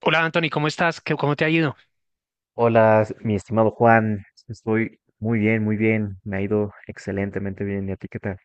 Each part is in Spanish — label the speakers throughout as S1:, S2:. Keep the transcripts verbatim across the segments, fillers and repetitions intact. S1: Hola Anthony, ¿cómo estás? ¿Qué- ¿Cómo te ha ido?
S2: Hola, mi estimado Juan, estoy muy bien, muy bien, me ha ido excelentemente bien, ¿y a ti qué tal?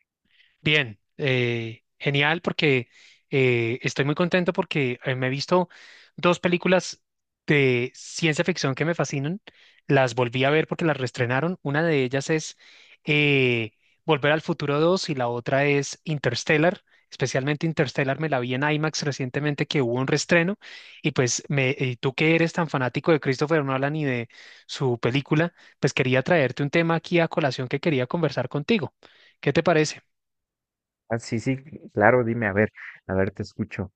S1: Bien, eh, genial porque eh, estoy muy contento porque eh, me he visto dos películas de ciencia ficción que me fascinan. Las volví a ver porque las reestrenaron. Una de ellas es eh, Volver al Futuro dos y la otra es Interstellar. Especialmente Interstellar me la vi en IMAX recientemente que hubo un reestreno y pues me, y tú que eres tan fanático de Christopher Nolan y de su película, pues quería traerte un tema aquí a colación que quería conversar contigo. ¿Qué te parece?
S2: Ah, sí, sí, claro, dime, a ver, a ver, te escucho.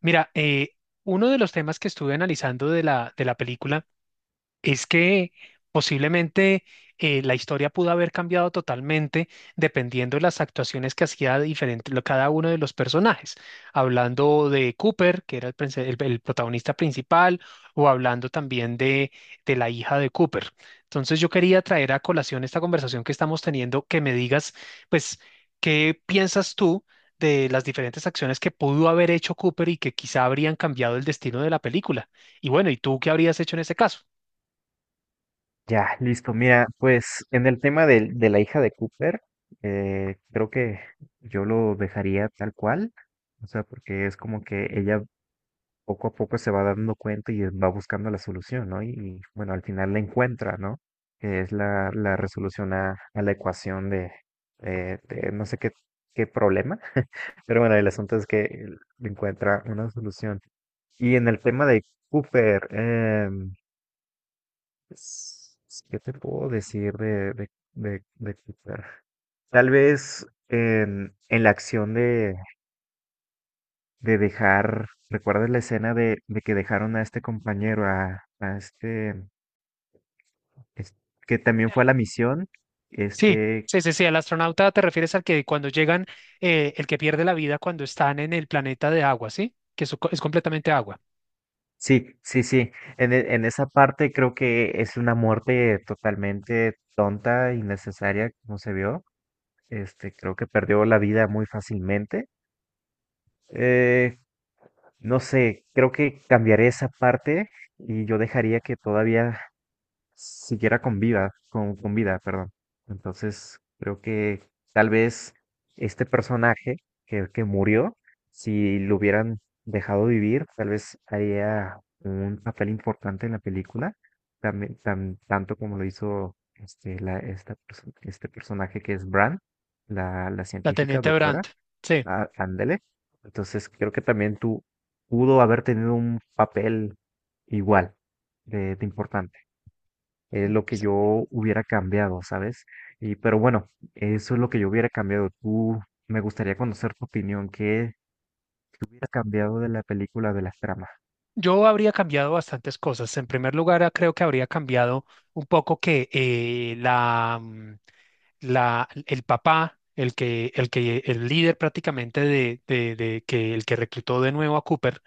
S1: Mira, eh, uno de los temas que estuve analizando de la, de la película es que posiblemente eh, la historia pudo haber cambiado totalmente dependiendo de las actuaciones que hacía diferente lo- cada uno de los personajes. Hablando de Cooper, que era el, prince- el- el protagonista principal, o hablando también de, de la hija de Cooper. Entonces yo quería traer a colación esta conversación que estamos teniendo, que me digas, pues, ¿qué piensas tú de las diferentes acciones que pudo haber hecho Cooper y que quizá habrían cambiado el destino de la película? Y bueno, ¿y tú qué habrías hecho en ese caso?
S2: Ya, listo, mira, pues en el tema del- de, la hija de Cooper, eh, creo que yo lo dejaría tal cual, o sea, porque es como que ella poco a poco se va dando cuenta y va buscando la solución, ¿no? Y, y, bueno, al final la encuentra, ¿no? Que es la, la resolución a, a la ecuación de, eh, de no sé qué, qué problema, pero bueno, el asunto es que él encuentra una solución. Y en el tema de Cooper, em, s- ¿qué te puedo decir de, de, de, de Cooper? Tal vez en, en la acción de de dejar, ¿recuerdas la escena de, de que dejaron a este compañero, a, a este, es- que también fue a
S1: Sí,
S2: la misión?
S1: sí,
S2: Este,
S1: sí, sí, sí, al astronauta te refieres al que cuando llegan, eh, el que pierde la vida cuando están en el planeta de agua, ¿sí? Que eso co- es completamente agua.
S2: sí, sí, sí, en, e- en esa parte creo que es una muerte totalmente tonta, innecesaria, como se vio. Este, creo que perdió la vida muy fácilmente. Eh, no sé, creo que cambiaré esa parte y yo dejaría que todavía siquiera con vida, con, con vida, perdón. Entonces, creo que tal vez este personaje que, que murió, si lo hubieran dejado vivir, tal vez haría un papel importante en la película, también, tan, tanto como lo hizo este, la, esta, perso- este personaje que es Bran, la, la
S1: La
S2: científica
S1: Teniente
S2: doctora,
S1: Brandt. Sí.
S2: a- ándele. Entonces, creo que también tú pudo haber tenido un papel igual de de importante, es lo que yo hubiera cambiado, ¿sabes? Y, pero bueno, eso es lo que yo hubiera cambiado. Tú, me gustaría conocer tu opinión. ¿Qué, qué hubiera cambiado de la película, de las tramas?
S1: Yo habría cambiado bastantes cosas. En primer lugar, ah, creo que habría cambiado un poco que eh, la, mm, la, el papá, el que, el que, el líder prácticamente de, de, de que el que reclutó de nuevo a Cooper,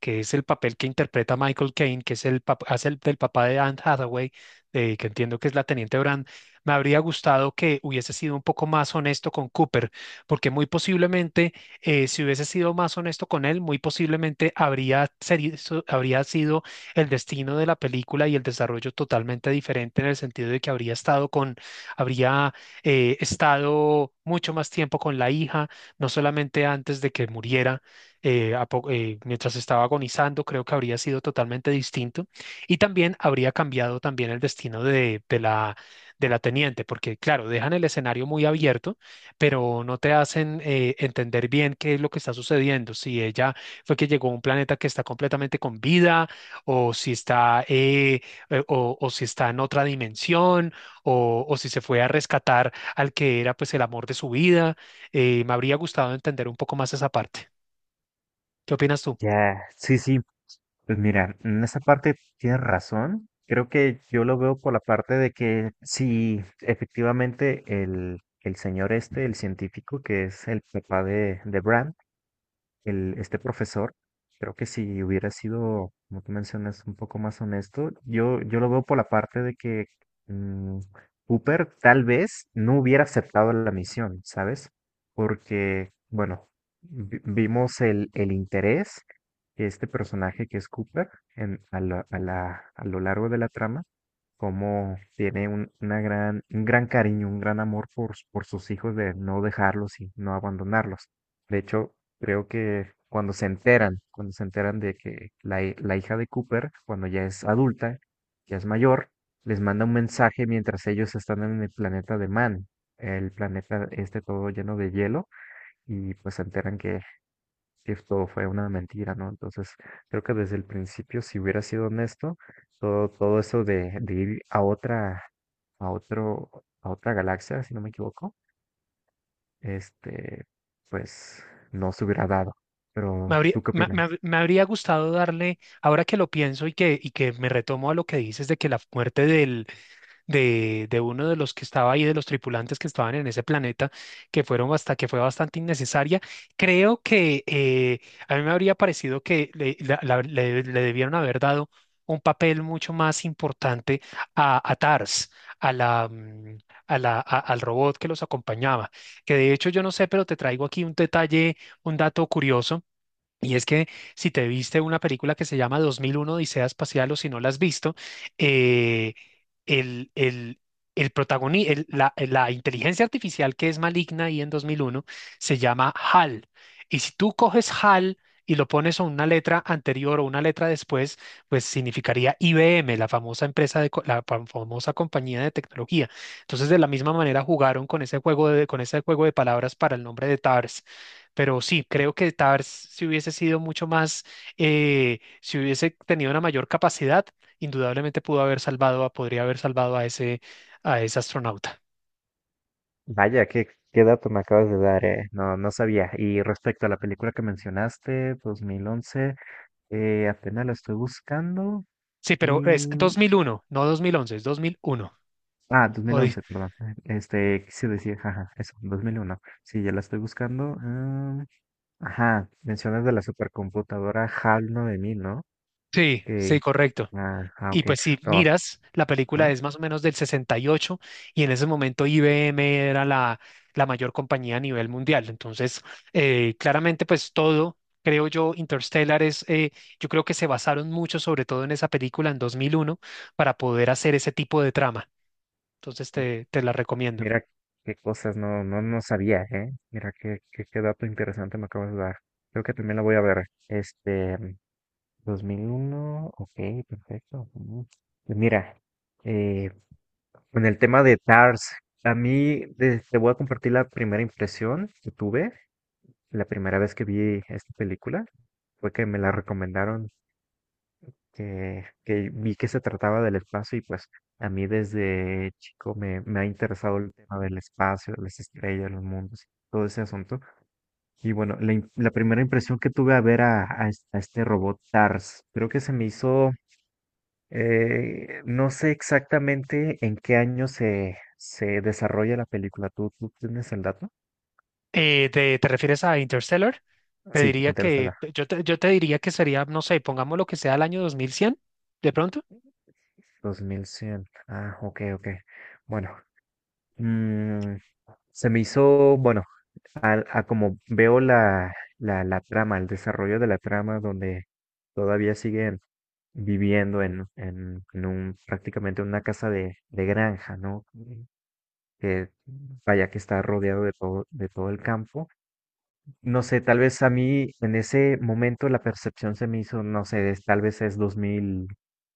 S1: que es el papel que interpreta Michael Caine, que es el pap- hace el del papá de Anne Hathaway, eh, que entiendo que es la teniente Brand, me habría gustado que hubiese sido un poco más honesto con Cooper, porque muy posiblemente eh, si hubiese sido más honesto con él, muy posiblemente habría, seri- so- habría sido el destino de la película y el desarrollo totalmente diferente en el sentido de que habría estado con, habría eh, estado mucho más tiempo con la hija, no solamente antes de que muriera, eh, a po- eh, mientras estaba agonizando, creo que habría sido totalmente distinto y también habría cambiado también el destino de, de la, de la teniente, porque claro, dejan el escenario muy abierto pero no te hacen eh, entender bien qué es lo que está sucediendo, si ella fue que llegó a un planeta que está completamente con vida, o si está, eh, eh, o, o si está en otra dimensión, o, o si se fue a rescatar al que era pues el amor de su vida. Eh, me habría gustado entender un poco más esa parte. ¿Qué opinas tú?
S2: Ya, sí, sí. Pues mira, en esa parte tienes razón. Creo que yo lo veo por la parte de que si efectivamente el, el señor este, el científico, que es el papá de, de Bran, el, este profesor, creo que si hubiera sido, como tú mencionas, un poco más honesto, yo, yo lo veo por la parte de que mm, Cooper tal vez no hubiera aceptado la misión, ¿sabes? Porque, bueno, vi- vimos el, el interés que este personaje que es Cooper en, a, la- a la- a lo largo de la trama, como tiene un, una gran, un gran cariño, un gran amor por, s- por sus hijos, de no dejarlos y no abandonarlos. De hecho, creo que cuando se enteran, cuando se enteran de que la, hi- la hija de Cooper, cuando ya es adulta, ya es mayor, les manda un mensaje mientras ellos están en el planeta de Man, el planeta este todo lleno de hielo, y pues se enteran que esto fue una mentira, ¿no? Entonces, creo que desde el principio, si hubiera sido honesto, todo, todo eso de, de ir a otra, a otro, a otra galaxia, si no me equivoco, este, pues no se hubiera dado.
S1: Me
S2: Pero,
S1: habría,
S2: ¿tú qué
S1: me, me
S2: opinas?
S1: hab- me habría gustado darle, ahora que lo pienso y que, y que me retomo a lo que dices de que la muerte de, de uno de los que estaba ahí, de los tripulantes que estaban en ese planeta, que fueron hasta que fue bastante innecesaria. Creo que eh, a mí me habría parecido que le, la- la- le- le debieron haber dado un papel mucho más importante a, a T A R S, a la, mm, a la, a- al robot que los acompañaba. Que de hecho yo no sé, pero te traigo aquí un detalle, un dato curioso. Y es que si te viste una película que se llama dos mil uno Odisea Espacial o si no la has visto, eh, el, el, el protagoni- el- la, la inteligencia artificial que es maligna ahí en dos mil uno se llama H A L. Y si tú coges H A L y lo pones a una letra anterior o una letra después, pues significaría I B M, la famosa empresa de co- la fam- famosa compañía de tecnología. Entonces, de la misma manera jugaron con ese juego de, con ese juego de palabras para el nombre de T A R S. Pero sí, creo que Tars si hubiese sido mucho más, eh, si hubiese tenido una mayor capacidad, indudablemente pudo haber salvado a, podría haber salvado a ese, a ese astronauta.
S2: Vaya, qué, qué dato me acabas de dar, eh. No, no sabía. Y respecto a la película que mencionaste, dos mil once, eh, apenas la estoy buscando
S1: Sí, pero es
S2: y...
S1: dos mil uno no dos mil once, es dos mil uno.
S2: Ah, dos mil
S1: O di-
S2: once perdón. Este, quise decir, jaja, eso, dos mil uno. Sí, ya la estoy buscando. Ah, ajá, mencionas de la supercomputadora HAL nueve mil, ¿no?
S1: sí, sí,
S2: Que,
S1: correcto.
S2: ah, ah,
S1: Y
S2: ok.
S1: pues si
S2: No,
S1: miras, la película
S2: ajá.
S1: es más o menos del sesenta y ocho y ocho y en ese momento I B M era la, la mayor compañía a nivel mundial. Entonces, eh, claramente pues todo, creo yo, Interstellar es, eh, yo creo que se basaron mucho sobre todo en esa película en dos mil uno para poder hacer ese tipo de trama. Entonces te, te la recomiendo.
S2: Mira qué cosas, no, no, no sabía, ¿eh? Mira qué, qué, qué dato interesante me acabas de dar. Creo que también la voy a ver. Este, dos mil uno, ok, perfecto. Mm. Pues mira, eh, con el tema de TARS, a mí de- te voy a compartir la primera impresión que tuve la primera vez que vi esta película. Fue que me la recomendaron, que, que vi que se trataba del espacio y pues a mí desde chico me, me ha interesado el tema del espacio, de las estrellas, los mundos, todo ese asunto. Y bueno, la, im- la primera impresión que tuve a ver a, a es- a este robot TARS, creo que se me hizo, eh, no sé exactamente en qué año se, se desarrolla la película. ¿Tú, tú tienes el dato?
S1: Eh, ¿te, ¿te, refieres a Interstellar? Te
S2: Sí,
S1: diría que,
S2: Interestelar.
S1: yo te, yo te diría que sería, no sé, pongamos lo que sea el año dos mil cien, de pronto.
S2: Dos mil cien. Ah, ok, ok. Bueno, mm, se me hizo, bueno, a, a como veo la, la, la trama, el desarrollo de la trama, donde todavía siguen viviendo en, en, en un, prácticamente una casa de, de granja, ¿no? Que vaya, que está rodeado de todo, de todo el campo. No sé, tal vez a mí en ese momento la percepción se me hizo, no sé, es- tal vez es dos dos mil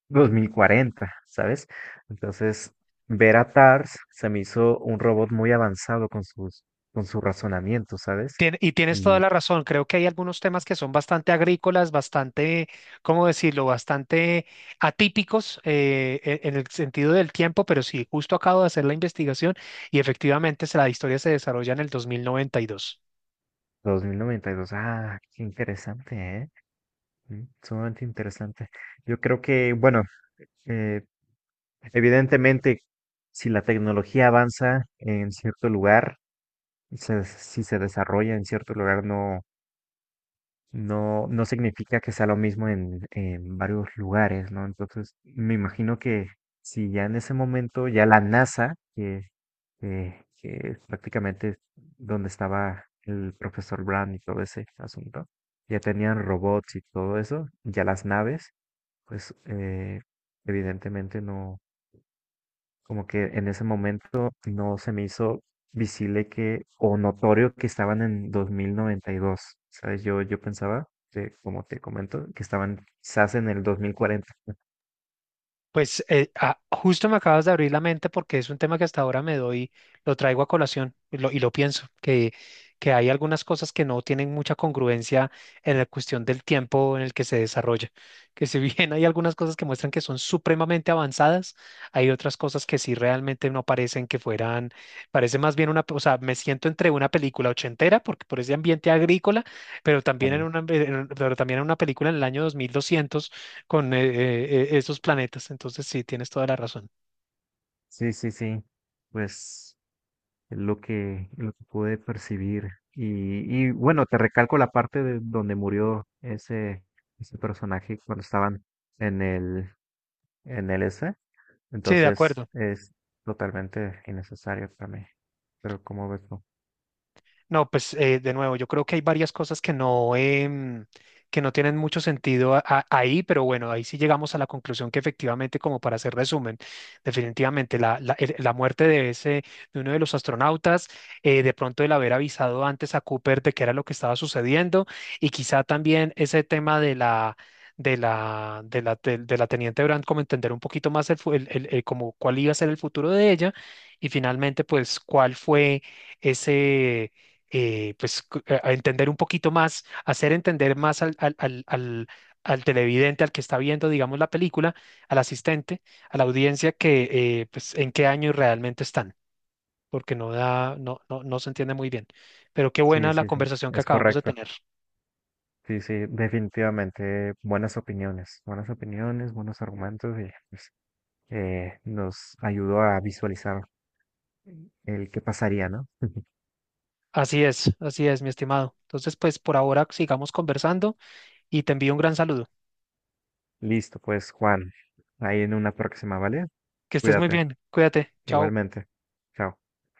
S2: dos mil cuarenta, ¿sabes? Entonces, ver a TARS se me hizo un robot muy avanzado con sus, con su razonamiento, ¿sabes?
S1: Tien- y tienes toda
S2: Y
S1: la razón, creo que hay algunos temas que son bastante agrícolas, bastante, ¿cómo decirlo?, bastante atípicos eh, e- en el sentido del tiempo, pero sí, justo acabo de hacer la investigación y efectivamente se- la historia se desarrolla en el dos mil noventa y dos.
S2: dos mil noventa y dos, ah, qué interesante, ¿eh? Mm, sumamente interesante. Yo creo que, bueno, eh, evidentemente, si la tecnología avanza en cierto lugar, se- si se desarrolla en cierto lugar, no No, no significa que sea lo mismo en, en varios lugares, ¿no? Entonces, me imagino que si ya en ese momento ya la NASA, que, que, que es prácticamente donde estaba el profesor Brand y todo ese asunto, ya tenían robots y todo eso, ya las naves, pues eh, evidentemente no, como que en ese momento no se me hizo visible que, o notorio que estaban en dos mil noventa y dos, ¿sabes? Yo, yo pensaba, que, como te comento, que estaban quizás en el dos mil cuarenta.
S1: Pues eh, ah, justo me acabas de abrir la mente porque es un tema que hasta ahora me doy, lo traigo a colación y lo, y lo pienso, que, que hay algunas cosas que no tienen mucha congruencia en la cuestión del tiempo en el que se desarrolla. Que si bien hay algunas cosas que muestran que son supremamente avanzadas, hay otras cosas que sí realmente no parecen que fueran, parece más bien una, o sea, me siento entre una película ochentera, porque por ese ambiente agrícola, pero también en
S2: Am,
S1: una, pero también en una película en el año dos mil doscientos con eh, eh, eh, esos planetas. Entonces, sí, tienes toda la razón.
S2: Sí, sí, sí, pues es lo que, lo que pude percibir. Y, y bueno, te recalco la parte de donde murió ese, ese personaje cuando estaban en el, en el S.
S1: Sí, de
S2: Entonces
S1: acuerdo.
S2: es totalmente innecesario para mí. ¿Pero como ves tú?
S1: No, pues eh, de nuevo, yo creo que hay varias cosas que no, em, que no tienen mucho sentido a- a- ahí, pero bueno, ahí sí llegamos a la conclusión que efectivamente, como para hacer resumen, definitivamente la, la- el- la muerte de ese, de uno de los astronautas, eh, de pronto el haber avisado antes a Cooper de qué era lo que estaba sucediendo, y quizá también ese tema de la de la, de la, de, de la teniente Brand, como entender un poquito más el, fu- el- el- el- como cuál iba a ser el futuro de ella, y finalmente, pues, cuál fue ese eh, pues, cu- a a entender un poquito más, hacer entender más al, al, al, al- al televidente, al que está viendo, digamos, la película, al asistente, a la audiencia, que, eh, pues, en qué año realmente están, porque no da, no, no, no se entiende muy bien. Pero qué
S2: Sí,
S1: buena la
S2: sí, sí,
S1: conversación que
S2: es
S1: acabamos de
S2: correcto.
S1: tener.
S2: Sí, sí, definitivamente buenas opiniones, buenas opiniones, buenos argumentos y pues, eh, nos ayudó a visualizar el qué pasaría, ¿no?
S1: Así es, así es, mi estimado. Entonces, pues, por ahora sigamos conversando y te envío un gran saludo.
S2: Listo, pues Juan, ahí en una próxima, ¿vale?
S1: Que estés muy
S2: Cuídate,
S1: bien. Cuídate. Chao.
S2: igualmente. Chao.